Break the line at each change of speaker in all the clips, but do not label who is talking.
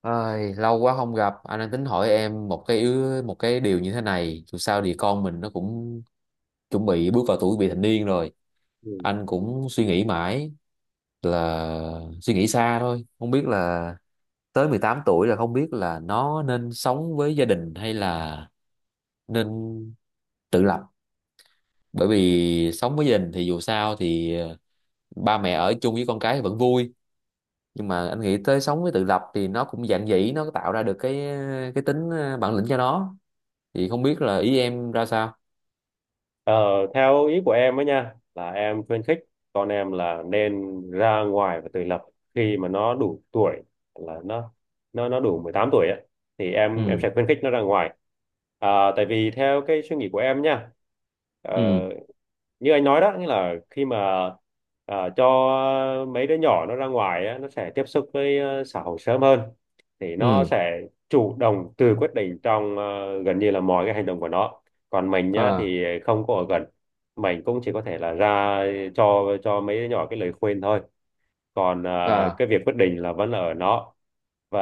Ai, lâu quá không gặp, anh đang tính hỏi em một cái điều như thế này, dù sao thì con mình nó cũng chuẩn bị bước vào tuổi vị thành niên rồi.
Ừ.
Anh cũng suy nghĩ mãi, là suy nghĩ xa thôi, không biết là tới 18 tuổi là không biết là nó nên sống với gia đình hay là nên tự lập. Bởi vì sống với gia đình thì dù sao thì ba mẹ ở chung với con cái thì vẫn vui, nhưng mà anh nghĩ tới sống với tự lập thì nó cũng dạn dĩ, nó tạo ra được cái tính bản lĩnh cho nó, thì không biết là ý em ra sao?
Ờ, theo ý của em ấy nha là em khuyến khích con em là nên ra ngoài và tự lập khi mà nó đủ tuổi, là nó đủ 18 tuổi ấy, thì em
Ừ.
sẽ khuyến khích nó ra ngoài, à, tại vì theo cái suy nghĩ của em nha, ờ,
Ừ.
như anh nói đó, nghĩa là khi mà à, cho mấy đứa nhỏ nó ra ngoài á, nó sẽ tiếp xúc với xã hội sớm hơn, thì nó
Ừ.
sẽ chủ động tự quyết định trong gần như là mọi cái hành động của nó. Còn mình nhá
À.
thì không có ở gần, mình cũng chỉ có thể là ra cho mấy đứa nhỏ cái lời khuyên thôi, còn à,
À.
cái việc quyết định là vẫn là ở nó, và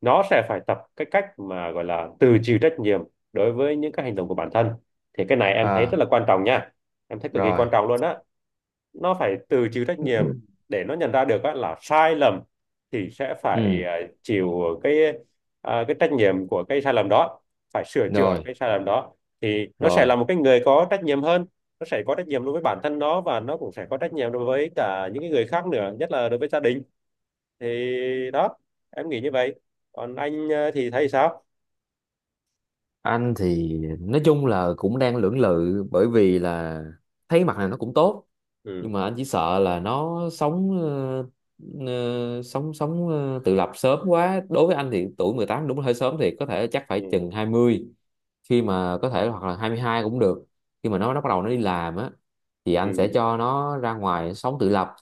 nó sẽ phải tập cái cách mà gọi là tự chịu trách nhiệm đối với những cái hành động của bản thân. Thì cái này em thấy rất
À.
là quan trọng nha, em thấy cực kỳ quan
Rồi.
trọng luôn á. Nó phải tự chịu trách nhiệm để nó nhận ra được á, là sai lầm thì sẽ phải
Ừ.
à, chịu cái à, cái trách nhiệm của cái sai lầm đó, phải sửa chữa
Rồi.
cái sai lầm đó thì nó sẽ
Rồi.
là một cái người có trách nhiệm hơn. Nó sẽ có trách nhiệm đối với bản thân nó và nó cũng sẽ có trách nhiệm đối với cả những cái người khác nữa, nhất là đối với gia đình. Thì đó, em nghĩ như vậy. Còn anh à, thì thấy sao?
Anh thì nói chung là cũng đang lưỡng lự bởi vì là thấy mặt này nó cũng tốt,
Ừ.
nhưng mà anh chỉ sợ là nó sống ờ, ờ, sống sống ờ, tự lập sớm quá. Đối với anh thì tuổi 18 đúng là hơi sớm, thì có thể chắc phải
Ừ.
chừng 20, khi mà có thể, hoặc là 22 cũng được, khi mà nó bắt đầu nó đi làm á, thì
Ừ.
anh sẽ cho nó ra ngoài sống tự lập.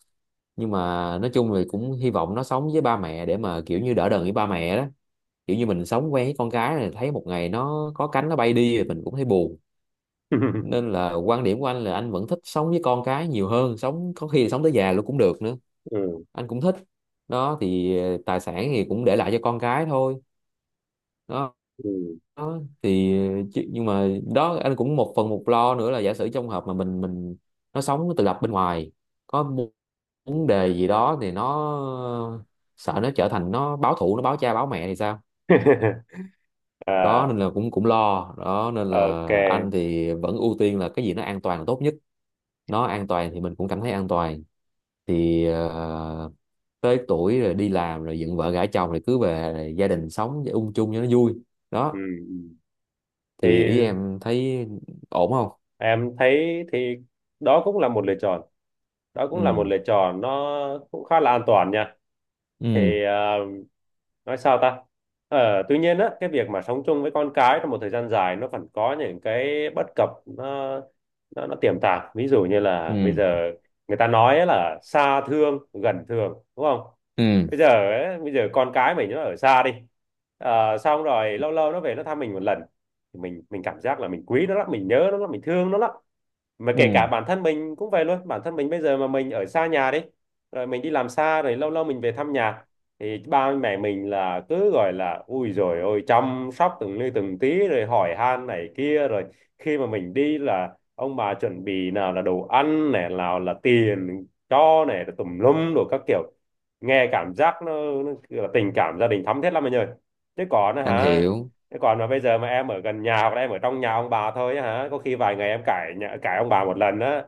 Nhưng mà nói chung thì cũng hy vọng nó sống với ba mẹ để mà kiểu như đỡ đần với ba mẹ đó, kiểu như mình sống quen với con cái này, thấy một ngày nó có cánh nó bay đi thì mình cũng thấy buồn. Nên là quan điểm của anh là anh vẫn thích sống với con cái nhiều hơn, sống có khi là sống tới già luôn cũng được nữa,
Ừ.
anh cũng thích đó. Thì tài sản thì cũng để lại cho con cái thôi đó.
Ừ.
Đó thì, chứ, nhưng mà đó, anh cũng một phần một lo nữa là giả sử trong hợp mà mình nó sống tự lập bên ngoài có vấn đề gì đó thì nó, sợ nó trở thành, nó báo thù, nó báo cha báo mẹ thì sao. Đó
À,
nên là cũng cũng lo. Đó nên
ok.
là anh thì vẫn ưu tiên là cái gì nó an toàn là tốt nhất, nó an toàn thì mình cũng cảm thấy an toàn. Thì tới tuổi rồi đi làm rồi dựng vợ gả chồng rồi cứ về, rồi gia đình sống ung chung cho nó vui
Ừ.
đó.
Ừ.
Thì ý
Thì
em thấy ổn không?
em thấy thì đó cũng là một lựa chọn. Đó cũng là một
Ừ.
lựa chọn, nó cũng khá là an toàn nha.
Ừ.
Thì nói sao ta? Ờ, tuy nhiên á, cái việc mà sống chung với con cái trong một thời gian dài nó vẫn có những cái bất cập, nó tiềm tàng. Ví dụ như
Ừ.
là bây giờ người ta nói ấy là xa thương, gần thương, đúng không?
Ừ.
Bây giờ ấy, bây giờ con cái mình nó ở xa đi. Ờ, xong rồi lâu lâu nó về nó thăm mình một lần. Thì mình cảm giác là mình quý nó lắm, mình nhớ nó lắm, mình thương nó lắm, mà kể cả
Ừ.
bản thân mình cũng vậy luôn, bản thân mình bây giờ mà mình ở xa nhà đi, rồi mình đi làm xa rồi lâu lâu mình về thăm nhà, thì ba mẹ mình là cứ gọi là ui rồi ôi chăm sóc từng ly từng tí rồi hỏi han này kia, rồi khi mà mình đi là ông bà chuẩn bị nào là đồ ăn này nào là tiền cho này rồi tùm lum đồ các kiểu, nghe cảm giác nó kiểu là tình cảm gia đình thắm thiết lắm anh ơi, chứ còn á
Anh
hả.
hiểu.
Thế còn mà bây giờ mà em ở gần nhà hoặc là em ở trong nhà ông bà thôi á hả, có khi vài ngày em cãi nhà, cãi ông bà một lần á.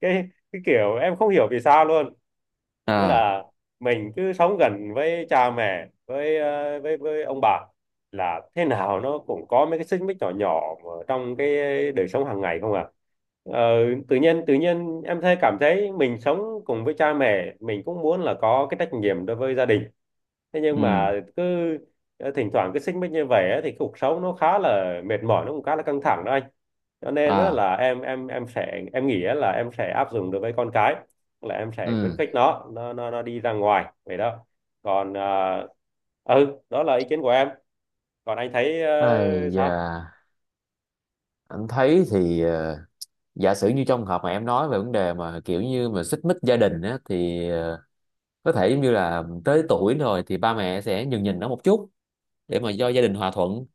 Cái kiểu em không hiểu vì sao luôn. Nghĩa
À.
là mình cứ sống gần với cha mẹ, với ờ, với ông bà là thế nào nó cũng có mấy cái xích mích nhỏ nhỏ mà trong cái đời sống hàng ngày không à. Ờ, tự nhiên em thấy cảm thấy mình sống cùng với cha mẹ, mình cũng muốn là có cái trách nhiệm đối với gia đình, thế nhưng
Ừ.
mà cứ thỉnh thoảng cứ xích mích như vậy á, thì cuộc sống nó khá là mệt mỏi, nó cũng khá là căng thẳng đó anh. Cho nên á
À.
là em sẽ em nghĩ á là em sẽ áp dụng đối với con cái, là em sẽ khuyến
Ừ.
khích nó đi ra ngoài vậy đó. Còn đó là ý kiến của em, còn anh thấy
Ai
sao?
da, anh thấy thì giả sử như trong trường hợp mà em nói về vấn đề mà kiểu như mà xích mích gia đình á, thì có thể giống như là tới tuổi rồi thì ba mẹ sẽ nhường nhịn nó một chút để mà do gia đình hòa thuận,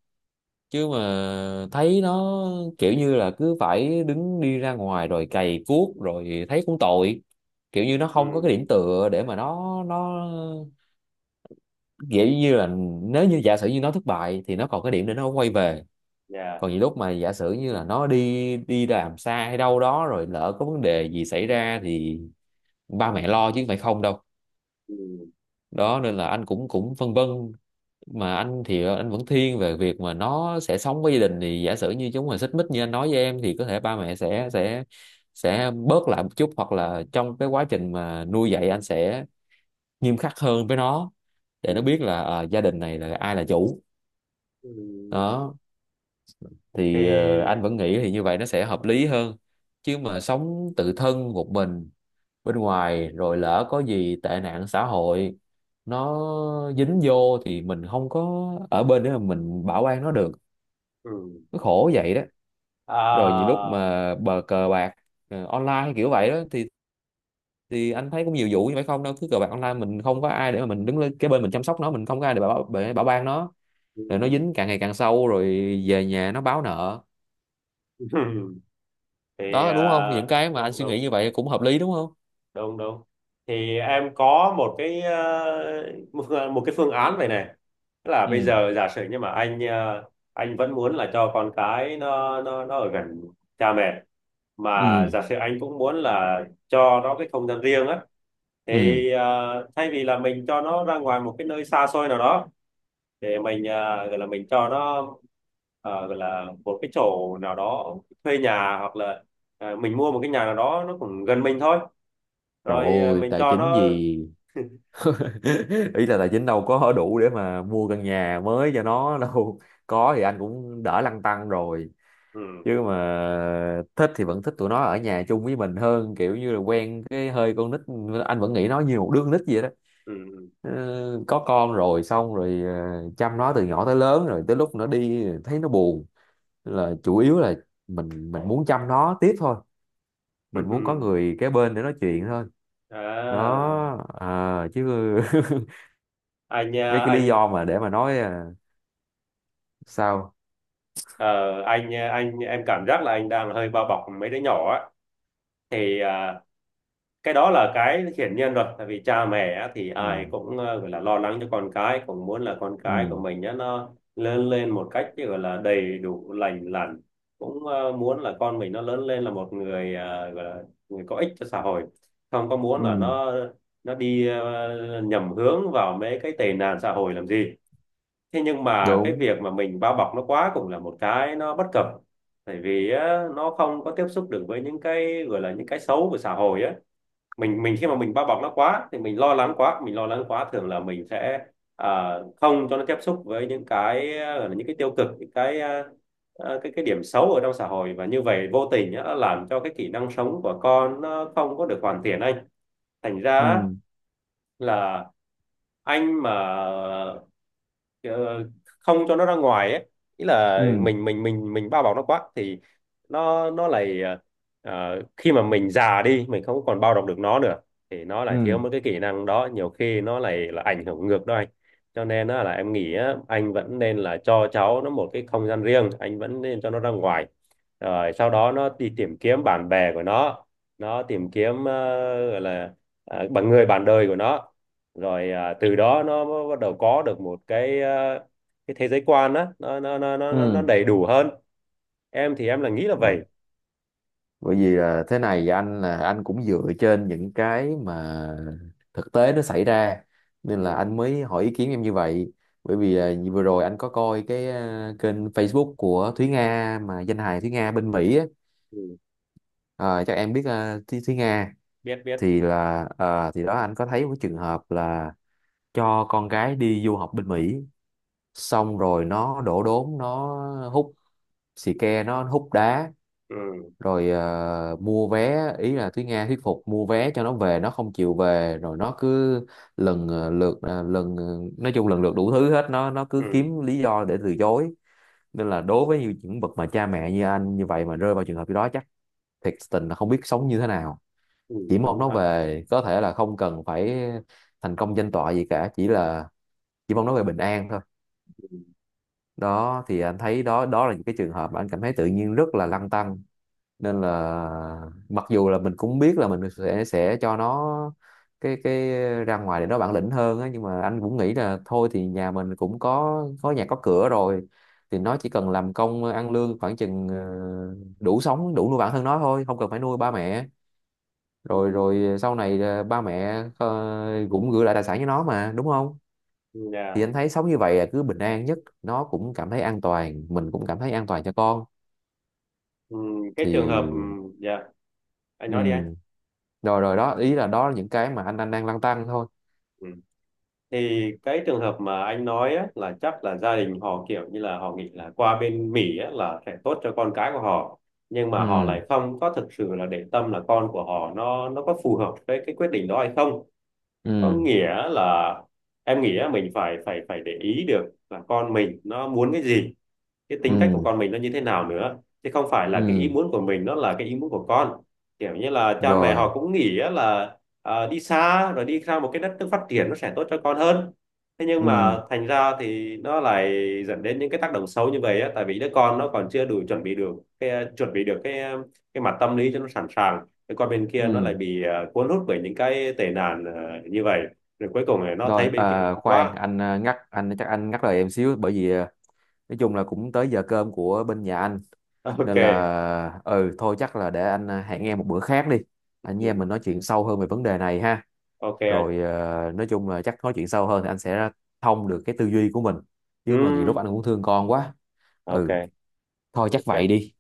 chứ mà thấy nó kiểu như là cứ phải đứng đi ra ngoài rồi cày cuốc rồi thấy cũng tội, kiểu như nó
Ừ.
không có cái điểm tựa để mà nó kiểu như là, nếu như giả sử như nó thất bại thì nó còn cái điểm để nó quay về.
Dạ.
Còn những lúc mà giả sử như là nó đi đi làm xa hay đâu đó rồi lỡ có vấn đề gì xảy ra thì ba mẹ lo chứ không phải không đâu.
Ừ.
Đó nên là anh cũng cũng phân vân, mà anh thì anh vẫn thiên về việc mà nó sẽ sống với gia đình, thì giả sử như chúng mà xích mích như anh nói với em thì có thể ba mẹ sẽ bớt lại một chút, hoặc là trong cái quá trình mà nuôi dạy anh sẽ nghiêm khắc hơn với nó, để
Ừ.
nó biết là gia đình này là ai là chủ
Ừ.
đó. Thì
Thì.
anh vẫn nghĩ thì như vậy nó sẽ hợp lý hơn, chứ mà sống tự thân một mình bên ngoài rồi lỡ có gì tệ nạn xã hội nó dính vô thì mình không có ở bên để mà mình bảo an nó được,
Ừ.
nó khổ vậy đó. Rồi nhiều lúc
À.
mà cờ bạc online kiểu vậy đó, thì anh thấy cũng nhiều vụ như vậy không đâu, cứ cờ bạc online mình không có ai để mà mình đứng lên cái bên mình chăm sóc nó, mình không có ai để bảo ban nó,
Ừ.
rồi nó dính càng ngày càng sâu, rồi về nhà nó báo nợ
Ừ. Thì
đó.
à,
Đúng không, những cái mà anh
đúng,
suy nghĩ
đúng,
như vậy cũng hợp lý đúng không?
đúng, đúng. Thì em có một cái ờ, một một cái phương án vậy này, tức là bây
Ừ.
giờ giả sử nhưng mà anh vẫn muốn là cho con cái nó ở gần cha mẹ, mà
Ừ.
giả sử anh cũng muốn là cho nó cái không gian riêng á,
Ừ.
thì thay vì là mình cho nó ra ngoài một cái nơi xa xôi nào đó, để mình gọi là mình cho nó gọi là một cái chỗ nào đó thuê nhà, hoặc là mình mua một cái nhà nào đó nó cũng gần mình thôi,
Trời
rồi
ơi
mình
tài
cho
chính
nó.
gì ý là tài chính đâu có đủ để mà mua căn nhà mới cho nó đâu, có thì anh cũng đỡ lăn tăn rồi.
Ừ.
Chứ mà thích thì vẫn thích tụi nó ở nhà chung với mình hơn, kiểu như là quen cái hơi con nít, anh vẫn nghĩ nó như một đứa con nít vậy đó.
Ừ.
Ờ, có con rồi, xong rồi chăm nó từ nhỏ tới lớn, rồi tới lúc nó đi thấy nó buồn. Nên là
Ừ.
chủ yếu là mình muốn chăm nó tiếp thôi, mình muốn có
Ừ.
người kế bên để nói chuyện thôi
À,
đó à, chứ
anh
mấy
à,
cái lý
anh
do mà để mà nói à, sao?
ờ, anh em cảm giác là anh đang hơi bao bọc mấy đứa nhỏ á, thì à, cái đó là cái hiển nhiên rồi, tại vì cha mẹ á, thì ai
Ừ.
cũng gọi là lo lắng cho con cái, cũng muốn là con cái của
Ừ.
mình á, nó lớn lên một cách gọi là đầy đủ lành lặn, cũng muốn là con mình nó lớn lên là một người gọi là người có ích cho xã hội, không có muốn
Ừ.
là nó đi nhầm hướng vào mấy cái tệ nạn xã hội làm gì. Thế nhưng mà cái
Đúng.
việc mà mình bao bọc nó quá cũng là một cái nó bất cập, tại vì á, nó không có tiếp xúc được với những cái gọi là những cái xấu của xã hội á. Mình khi mà mình bao bọc nó quá thì mình lo lắng quá, mình lo lắng quá thường là mình sẽ à, không cho nó tiếp xúc với những cái à, gọi là những cái tiêu cực, những cái điểm xấu ở trong xã hội, và như vậy vô tình á, nó làm cho cái kỹ năng sống của con nó không có được hoàn thiện anh. Thành ra
Ừ.
á, là anh mà ờ, không cho nó ra ngoài ấy, ý là
Ừ.
mình bao bọc nó quá thì nó lại khi mà mình già đi mình không còn bao bọc được nó nữa, thì nó lại thiếu
Ừ.
mất cái kỹ năng đó, nhiều khi nó lại là ảnh hưởng ngược đó anh. Cho nên á là em nghĩ á, anh vẫn nên là cho cháu nó một cái không gian riêng, anh vẫn nên cho nó ra ngoài rồi sau đó nó đi tìm kiếm bạn bè của nó tìm kiếm gọi là bằng người bạn đời của nó, rồi à, từ đó nó bắt đầu có được một cái à, cái thế giới quan á, nó
Ừ.
đầy đủ hơn. Em thì em là nghĩ là
bởi
vậy.
bởi vì là thế này, anh cũng dựa trên những cái mà thực tế nó xảy ra, nên là
Ừ,
anh mới hỏi ý kiến em như vậy. Bởi vì như vừa rồi anh có coi cái kênh Facebook của Thúy Nga, mà danh hài Thúy Nga bên Mỹ á.
ừ,
Ờ, chắc em biết à, Thúy Nga.
biết biết,
Thì là à, thì đó anh có thấy một trường hợp là cho con gái đi du học bên Mỹ, xong rồi nó đổ đốn, nó hút xì ke, nó hút đá.
ừ,
Rồi mua vé, ý là Thúy Nga thuyết phục mua vé cho nó về, nó không chịu về, rồi nó cứ lần ờ, lượt ờ, lần ờ, nói chung lần lượt đủ thứ hết, nó cứ
ừ,
kiếm lý do để từ chối. Nên là đối với những bậc mà cha mẹ như anh như vậy mà rơi vào trường hợp như đó, chắc thiệt tình là không biết sống như thế nào,
ừ,
chỉ mong
đúng
nó
ha.
về, có thể là không cần phải thành công danh tọa gì cả, chỉ mong nó về bình an thôi. Đó thì anh thấy đó, đó là những cái trường hợp mà anh cảm thấy tự nhiên rất là lăn tăn. Nên là mặc dù là mình cũng biết là mình sẽ cho nó cái ra ngoài để nó bản lĩnh hơn á, nhưng mà anh cũng nghĩ là thôi thì nhà mình cũng có nhà có cửa rồi, thì nó chỉ cần làm công ăn lương khoảng chừng đủ sống đủ nuôi bản thân nó thôi, không cần phải nuôi ba mẹ.
Ừ,
rồi
ừ, ừ.
rồi sau này ba mẹ cũng gửi lại tài sản cho nó mà, đúng không?
Ừ,
Thì
dạ.
anh thấy sống như vậy là cứ bình an nhất, nó cũng cảm thấy an toàn, mình cũng cảm thấy an toàn cho con.
Ừ, cái trường hợp ừ,
Thì
dạ, anh nói đi anh.
ừ. Rồi, rồi đó, ý là đó là những cái mà anh đang lăn tăn thôi.
Ừ. Thì cái trường hợp mà anh nói á, là chắc là gia đình họ kiểu như là họ nghĩ là qua bên Mỹ á, là sẽ tốt cho con cái của họ, nhưng mà họ
Ừ.
lại không có thực sự là để tâm là con của họ nó có phù hợp với cái quyết định đó hay không, có
Ừ.
nghĩa là em nghĩ á, mình phải phải phải để ý được là con mình nó muốn cái gì, cái tính cách của
Ừ.
con mình nó như thế nào nữa, chứ không phải là cái ý
Ừ.
muốn của mình nó là cái ý muốn của con. Kiểu như là cha mẹ
Rồi.
họ cũng nghĩ á là à, đi xa rồi đi ra một cái đất nước phát triển nó sẽ tốt cho con hơn, thế nhưng
Ừ.
mà thành ra thì nó lại dẫn đến những cái tác động xấu như vậy á, tại vì đứa con nó còn chưa đủ chuẩn bị được cái cái mặt tâm lý cho nó sẵn sàng, cái con bên kia nó lại
Ừ.
bị cuốn hút bởi những cái tệ nạn như vậy, rồi cuối cùng là nó
Rồi.
thấy bên kia
À, khoan
quá.
anh ngắt, anh chắc anh ngắt lời em xíu, bởi vì nói chung là cũng tới giờ cơm của bên nhà anh,
Ok.
nên là ừ thôi chắc là để anh hẹn em một bữa khác đi, anh với em
Ừ.
mình nói chuyện sâu hơn về vấn đề này ha.
Ok.
Rồi nói chung là chắc nói chuyện sâu hơn thì anh sẽ thông được cái tư duy của mình,
Ừ.
chứ mà nhiều lúc anh cũng thương con quá.
Ok,
Ừ thôi chắc vậy
ok
đi.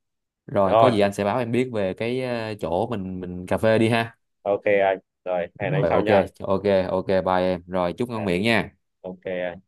Rồi có
rồi.
gì anh sẽ báo em biết về cái chỗ mình cà phê đi ha.
Ok anh. Rồi, hẹn anh
Rồi.
sau
Ok.
nha.
Ok. Ok bye em. Rồi chúc
Dạ,
ngon miệng nha.
ok anh.